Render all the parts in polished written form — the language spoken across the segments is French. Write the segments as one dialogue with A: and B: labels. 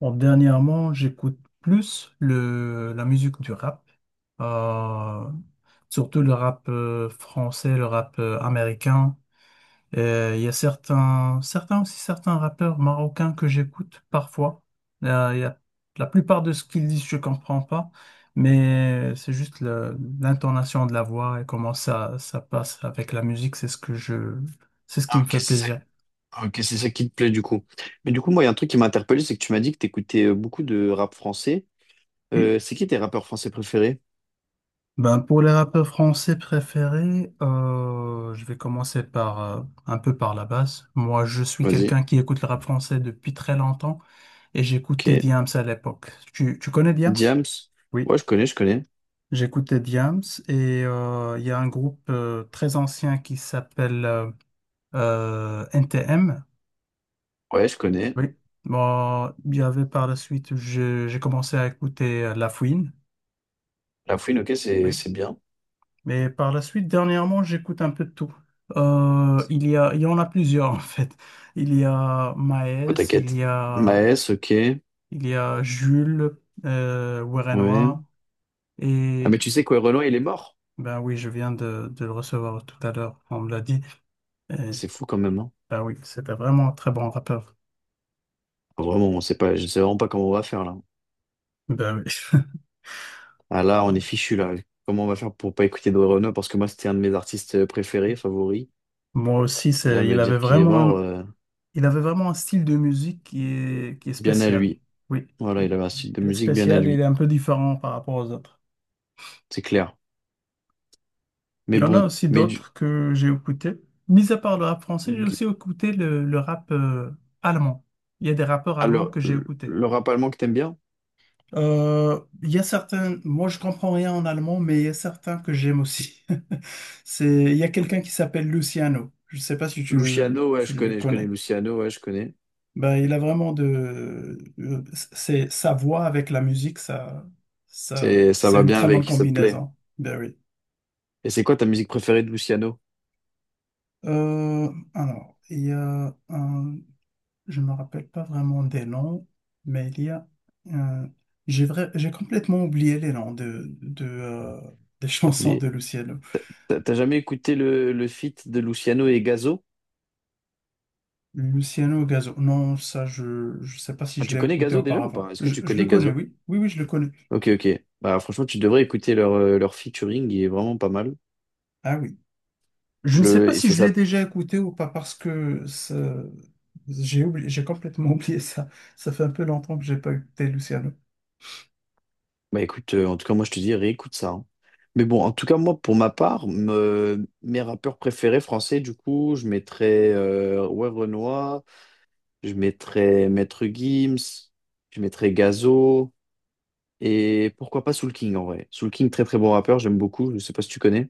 A: Bon, dernièrement, j'écoute plus la musique du rap, euh, surtout le rap français, le rap américain. Et il y a certains aussi certains rappeurs marocains que j'écoute parfois. Euh, il y a- la plupart de ce qu'ils disent, je comprends pas, mais c'est juste l'intonation de la voix et comment ça, ça passe avec la musique, c'est ce
B: Ah,
A: qui me
B: ok,
A: fait
B: c'est ça.
A: plaisir.
B: Ok, c'est ça qui te plaît du coup. Mais du coup, moi, il y a un truc qui m'a interpellé, c'est que tu m'as dit que t'écoutais beaucoup de rap français.
A: Oui.
B: C'est qui tes rappeurs français préférés?
A: Ben, pour les rappeurs français préférés, je vais commencer par un peu par la base. Moi, je suis
B: Vas-y.
A: quelqu'un qui écoute le rap français depuis très longtemps et
B: Ok.
A: j'écoutais Diams à l'époque. Tu connais Diams?
B: Diams.
A: Oui.
B: Ouais, je connais, je connais.
A: J'écoutais Diams et il y a un groupe très ancien qui s'appelle NTM.
B: Ouais, je connais.
A: Oui. Bon, il y avait par la suite, j'ai commencé à écouter La Fouine.
B: La Fouine, ok, c'est
A: Oui.
B: c'est bien.
A: Mais par la suite, dernièrement, j'écoute un peu de tout. Il y en a plusieurs, en fait. Il y a
B: Oh,
A: Maes,
B: t'inquiète. Maes, ok.
A: il y a Jules
B: Ouais.
A: Werenois,
B: Ah, mais
A: et
B: tu sais quoi, Roland, il est mort.
A: ben oui, je viens de le recevoir tout à l'heure, on me l'a dit. Et,
B: C'est fou quand même, hein.
A: ben oui, c'était vraiment un très bon rappeur.
B: Ah, vraiment, on sait pas, je sais vraiment pas comment on va faire là.
A: Ben oui.
B: Ah là, on est fichu là. Comment on va faire pour pas écouter de Renaud? Parce que moi, c'était un de mes artistes préférés, favoris.
A: Moi aussi,
B: Et là,
A: il
B: me
A: avait
B: dire qu'il est
A: vraiment,
B: mort, euh,
A: il avait vraiment un style de musique qui est
B: bien à
A: spécial.
B: lui.
A: Oui,
B: Voilà, il avait un style de
A: il est
B: musique bien à
A: spécial, il
B: lui,
A: est un peu différent par rapport aux autres.
B: c'est clair.
A: Il
B: Mais
A: y en a
B: bon,
A: aussi d'autres que j'ai écoutés. Mis à part le rap français, j'ai
B: mais qui-
A: aussi écouté le rap allemand. Il y a des rappeurs
B: Ah,
A: allemands que j'ai écoutés.
B: le rap allemand que t'aimes bien?
A: Il y a certains, moi je comprends rien en allemand, mais il y a certains que j'aime aussi. Il y a quelqu'un qui s'appelle Luciano. Je ne sais pas si tu,
B: Luciano, ouais,
A: tu le
B: je connais
A: connais.
B: Luciano, ouais, je connais.
A: Ben, il a vraiment c'est sa voix avec la musique,
B: C'est, ça
A: c'est
B: va
A: une
B: bien
A: très bonne
B: avec, ça te plaît.
A: combinaison. Ben oui.
B: Et c'est quoi ta musique préférée de Luciano?
A: Alors, il y a un. Je ne me rappelle pas vraiment des noms, mais euh, j'ai complètement oublié les noms des
B: T'as
A: chansons
B: oublié.
A: de Luciano.
B: T'as jamais écouté le feat de Luciano et Gazo?
A: Luciano Gazo. Non, ça, je ne sais pas si
B: Ah,
A: je
B: tu
A: l'ai
B: connais
A: écouté
B: Gazo déjà ou
A: auparavant.
B: pas? Est-ce que
A: Je,
B: tu
A: je le
B: connais
A: connais,
B: Gazo?
A: oui. Oui, oui, je le connais.
B: Ok, ok. Bah franchement, tu devrais écouter leur, leur featuring, il est vraiment pas mal.
A: Ah oui. Je ne sais
B: Le,
A: pas
B: et
A: si
B: ça,
A: je
B: ça
A: l'ai déjà écouté ou pas parce que j'ai oublié, j'ai complètement oublié ça. Ça fait un peu longtemps que j'ai pas écouté Luciano.
B: Bah écoute, en tout cas, moi je te dis, réécoute ça, hein. Mais bon, en tout cas, moi, pour ma part, mes rappeurs préférés français, du coup, je mettrais ouais, Renoir, je mettrais Maître Gims, je mettrais Gazo, et pourquoi pas Soul King en vrai. Soul King, très très bon rappeur, j'aime beaucoup, je sais pas si tu connais.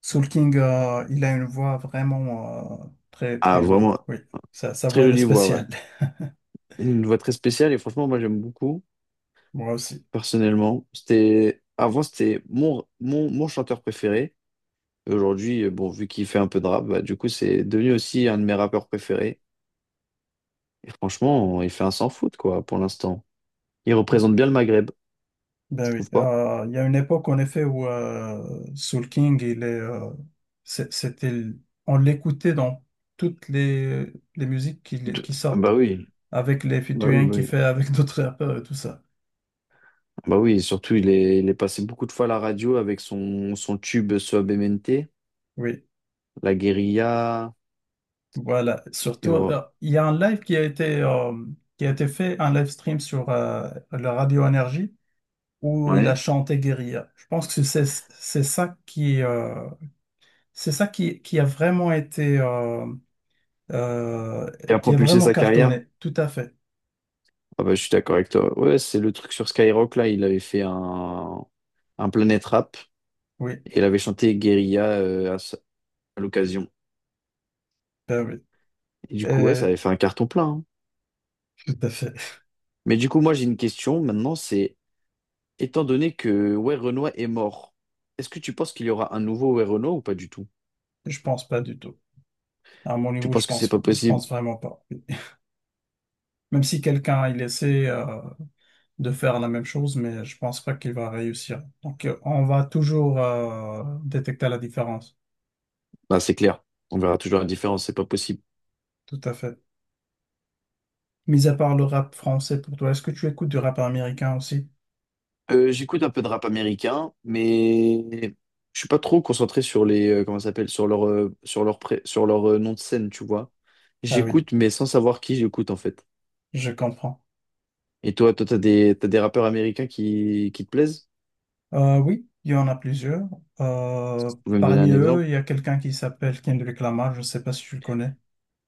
A: Soul King, il a une voix vraiment très,
B: Ah,
A: très jolie.
B: vraiment,
A: Oui, sa
B: très
A: voix, elle est
B: jolie voix, ouais.
A: spéciale.
B: Une voix très spéciale, et franchement, moi j'aime beaucoup,
A: Moi aussi.
B: personnellement. C'était, avant, c'était mon chanteur préféré. Et aujourd'hui, bon, vu qu'il fait un peu de rap, bah, du coup, c'est devenu aussi un de mes rappeurs préférés. Et franchement, il fait un sans faute, quoi, pour l'instant. Il représente bien le Maghreb, je
A: Ben oui.
B: trouve pas?
A: Il y a une époque, en effet, où Soul King, il est, c'est- c'était, l- on l'écoutait dans toutes les musiques qui,
B: T-
A: qui sortent,
B: Bah oui,
A: avec les
B: bah oui,
A: featuring
B: bah
A: qu'il
B: oui.
A: fait avec d'autres rappeurs et tout ça.
B: Bah oui, et surtout, il est passé beaucoup de fois à la radio avec son, son tube Suavemente,
A: Oui,
B: La Guérilla,
A: voilà.
B: et
A: Surtout,
B: voilà.
A: il y a un live qui a été fait, un live stream sur la radio Énergie, où il a
B: Ouais.
A: chanté Guérilla. Je pense que c'est ça qui qui a vraiment été euh,
B: Et a
A: qui a
B: propulsé
A: vraiment
B: sa carrière.
A: cartonné. Tout à fait.
B: Ah bah, je suis d'accord avec toi. Ouais, c'est le truc sur Skyrock, là, il avait fait un Planet Rap,
A: Oui,
B: et il avait chanté Guérilla à, à l'occasion.
A: ben oui.
B: Et du coup, ouais, ça
A: Euh,
B: avait fait un carton plein, hein.
A: Tout à fait.
B: Mais du coup, moi, j'ai une question maintenant, c'est, étant donné que ouais, Renoir est mort, est-ce que tu penses qu'il y aura un nouveau ouais, Renoir ou pas du tout?
A: Je pense pas du tout. À mon
B: Tu
A: niveau, je
B: penses que c'est
A: pense
B: pas
A: je
B: possible?
A: pense vraiment pas. Même si quelqu'un il essaie de faire la même chose, mais je pense pas qu'il va réussir. Donc on va toujours détecter la différence.
B: Bah, c'est clair. On verra toujours la différence, c'est pas possible.
A: Tout à fait. Mis à part le rap français pour toi, est-ce que tu écoutes du rap américain aussi?
B: J'écoute un peu de rap américain, mais je suis pas trop concentré sur les, comment ça s'appelle, sur leur, sur leur, sur leur nom de scène, tu vois.
A: Ah oui.
B: J'écoute, mais sans savoir qui j'écoute, en fait.
A: Je comprends.
B: Et toi, toi, t'as des rappeurs américains qui te plaisent?
A: Oui, il y en a plusieurs.
B: Tu pouvez me donner
A: Parmi
B: un
A: eux,
B: exemple?
A: il y a quelqu'un qui s'appelle Kendrick Lamar. Je ne sais pas si tu le connais.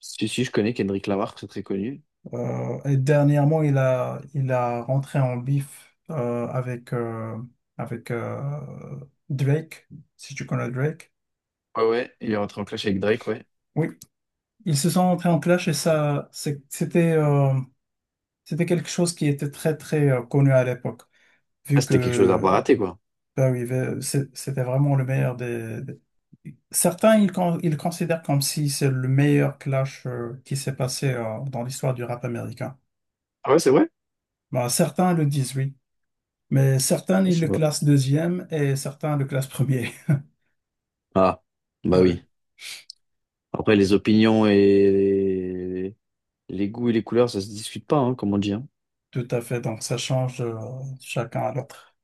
B: Si, si, je connais Kendrick Lamar, très très connu.
A: Et dernièrement, il a rentré en bif avec, avec Drake, si tu connais Drake.
B: Ouais, ouais, il est rentré en clash avec Drake, ouais.
A: Oui, ils se sont rentrés en clash et ça, c'était quelque chose qui était très, très connu à l'époque,
B: Ah,
A: vu
B: c'était quelque chose à pas
A: que.
B: rater, quoi.
A: Ben oui, ben, c'était vraiment le meilleur. Certains, ils considèrent comme si c'est le meilleur clash qui s'est passé dans l'histoire du rap américain.
B: Ah ouais, c'est vrai?
A: Ben, certains le disent, oui. Mais certains,
B: Ah, je
A: ils le
B: sais pas.
A: classent deuxième et certains le classent premier.
B: Ah, bah
A: Ben
B: oui.
A: oui,
B: Après, les opinions et les goûts et les couleurs, ça se discute pas, hein, comme on dit, hein.
A: tout à fait. Donc, ça change chacun à l'autre.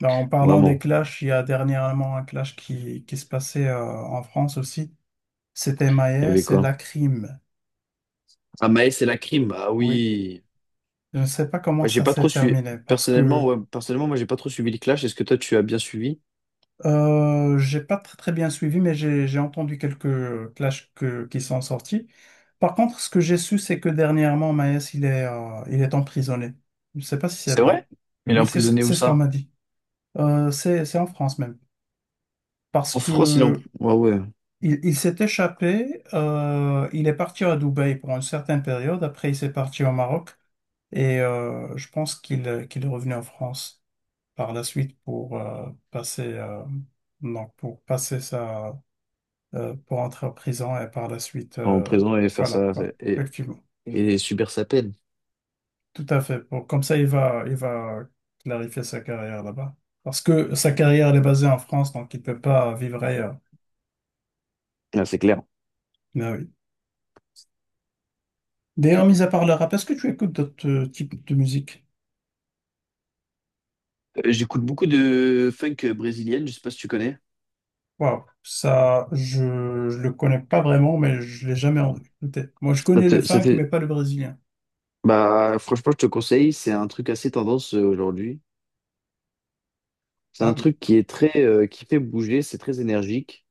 A: Ben, en parlant des
B: Vraiment.
A: clashs, il y a dernièrement un clash qui se passait en France aussi. C'était
B: Il y
A: Maes
B: avait
A: et
B: quoi?
A: Lacrim.
B: Ah, Maës et la crime. Ah
A: Oui.
B: oui.
A: Je ne sais pas comment
B: Ouais, j'ai
A: ça
B: pas trop
A: s'est
B: suivi.
A: terminé parce
B: Personnellement,
A: que
B: ouais, personnellement, moi, j'ai pas trop suivi le clash. Est-ce que toi, tu as bien suivi?
A: J'ai pas très, très bien suivi, mais j'ai entendu quelques clashs qui sont sortis. Par contre, ce que j'ai su, c'est que dernièrement, Maes, il est emprisonné. Je ne sais pas si c'est
B: C'est
A: vrai.
B: vrai? Il est
A: Oui, c'est ce,
B: emprisonné où
A: c'est ce qu'on
B: ça?
A: m'a dit. C'est en France même. Parce
B: En France,
A: que
B: Ouais, ouais.
A: il s'est échappé, il est parti à Dubaï pour une certaine période, après il s'est parti au Maroc, et je pense qu'il est revenu en France par la suite pour donc pour passer pour entrer en prison et par la suite,
B: En prison et faire
A: voilà,
B: ça
A: voilà,
B: c'est-
A: effectivement,
B: et subir sa peine.
A: tout à fait. Pour, comme ça, il va clarifier sa carrière là-bas. Parce que sa carrière elle est basée en France, donc il peut pas vivre ailleurs.
B: Ah, c'est clair.
A: Mais oui. D'ailleurs, mis à part le rap, est-ce que tu écoutes d'autres types de musique?
B: J'écoute beaucoup de funk brésilienne, je sais pas si tu connais.
A: Waouh, ça, je le connais pas vraiment, mais je l'ai jamais écouté. Moi, je
B: Ça
A: connais le
B: te- ça
A: funk,
B: te-
A: mais pas le brésilien.
B: Bah, franchement, je te conseille, c'est un truc assez tendance aujourd'hui. C'est
A: Ah
B: un
A: oui.
B: truc qui est très, qui fait bouger, c'est très énergique.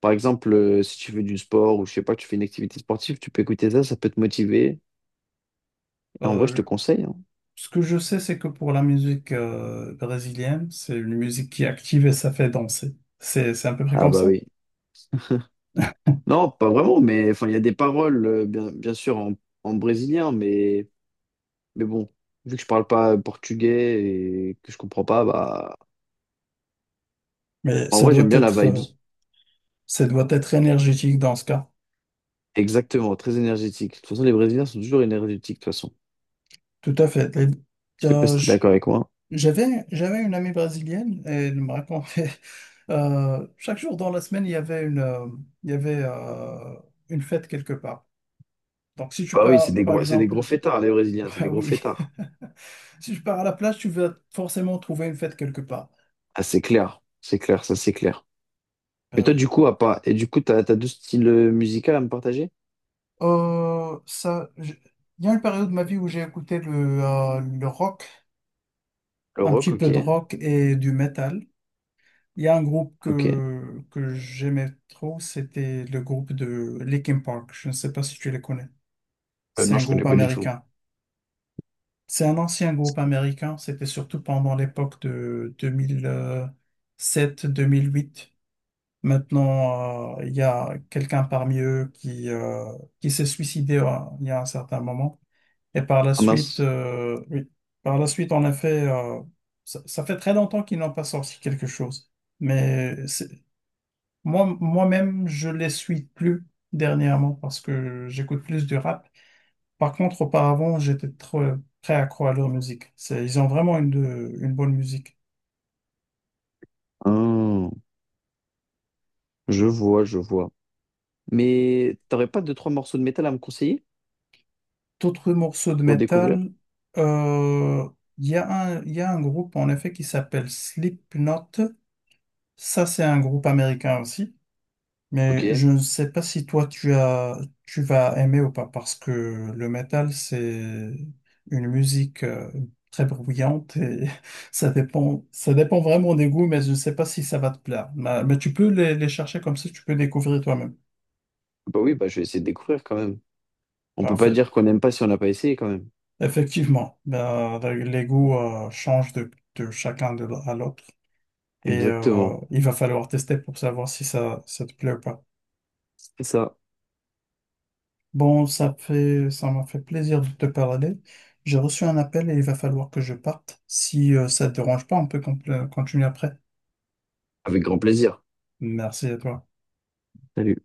B: Par exemple, si tu fais du sport ou je sais pas, tu fais une activité sportive, tu peux écouter ça, ça peut te motiver. Et en vrai, je te
A: Euh,
B: conseille, hein.
A: Ce que je sais, c'est que pour la musique brésilienne, c'est une musique qui est active et ça fait danser. C'est à peu près
B: Ah
A: comme
B: bah
A: ça?
B: oui. Non, pas vraiment, mais enfin, il y a des paroles, bien, bien sûr, en, en brésilien, mais bon, vu que je parle pas portugais et que je comprends pas, bah,
A: Mais
B: en vrai, j'aime bien la vibe.
A: ça doit être énergétique dans ce cas.
B: Exactement, très énergétique. De toute façon, les Brésiliens sont toujours énergétiques, de toute façon.
A: Tout à fait.
B: Je sais pas si
A: Euh,
B: t'es d'accord avec moi.
A: j'avais une amie brésilienne et elle me racontait chaque jour dans la semaine il y avait il y avait euh, une fête quelque part. Donc si tu
B: Bah oui,
A: pars par
B: c'est des
A: exemple,
B: gros fêtards, les Brésiliens, c'est des
A: ah
B: gros
A: oui,
B: fêtards.
A: si tu pars à la plage tu vas forcément trouver une fête quelque part.
B: Ah, c'est clair, ça c'est clair. Mais
A: Ah
B: toi,
A: oui.
B: du coup, Et du coup, t'as, t'as deux styles musicaux à me partager?
A: Euh, ça j- il y a une période de ma vie où j'ai écouté le rock,
B: Le
A: un
B: rock,
A: petit peu
B: ok,
A: de rock et du metal. Il y a un groupe
B: ok.
A: que j'aimais trop, c'était le groupe de Linkin Park. Je ne sais pas si tu les connais. C'est
B: Non,
A: un
B: je connais
A: groupe
B: pas du tout.
A: américain. C'est un ancien groupe américain. C'était surtout pendant l'époque de deux mille sept, 1008. Maintenant, il y a quelqu'un parmi eux qui s'est suicidé il y a un certain moment. Et par la
B: Ah
A: suite,
B: mince.
A: oui, par la suite, en effet, ça fait très longtemps qu'ils n'ont pas sorti quelque chose. Mais moi, moi-même, je les suis plus dernièrement parce que j'écoute plus du rap. Par contre, auparavant, j'étais trop très accro à leur musique. Ils ont vraiment une bonne musique.
B: Ah, je vois, je vois. Mais t'aurais pas deux, trois morceaux de métal à me conseiller
A: D'autres morceaux de
B: pour découvrir?
A: métal, euh, il y a un groupe en effet qui s'appelle Slipknot. Ça, c'est un groupe américain aussi.
B: Ok.
A: Mais je ne sais pas si toi tu vas aimer ou pas parce que le métal c'est une musique très bruyante et ça dépend vraiment des goûts mais je ne sais pas si ça va te plaire. Mais tu peux les chercher comme ça tu peux découvrir toi-même.
B: Bah oui, bah je vais essayer de découvrir quand même. On peut pas
A: Parfait.
B: dire qu'on n'aime pas si on n'a pas essayé quand même.
A: Effectivement, ben, les goûts changent de chacun à l'autre et
B: Exactement.
A: il va falloir tester pour savoir si ça te plaît ou pas.
B: C'est ça.
A: Bon, ça m'a fait plaisir de te parler. J'ai reçu un appel et il va falloir que je parte. Si ça te dérange pas, on peut continuer après.
B: Avec grand plaisir.
A: Merci à toi.
B: Salut.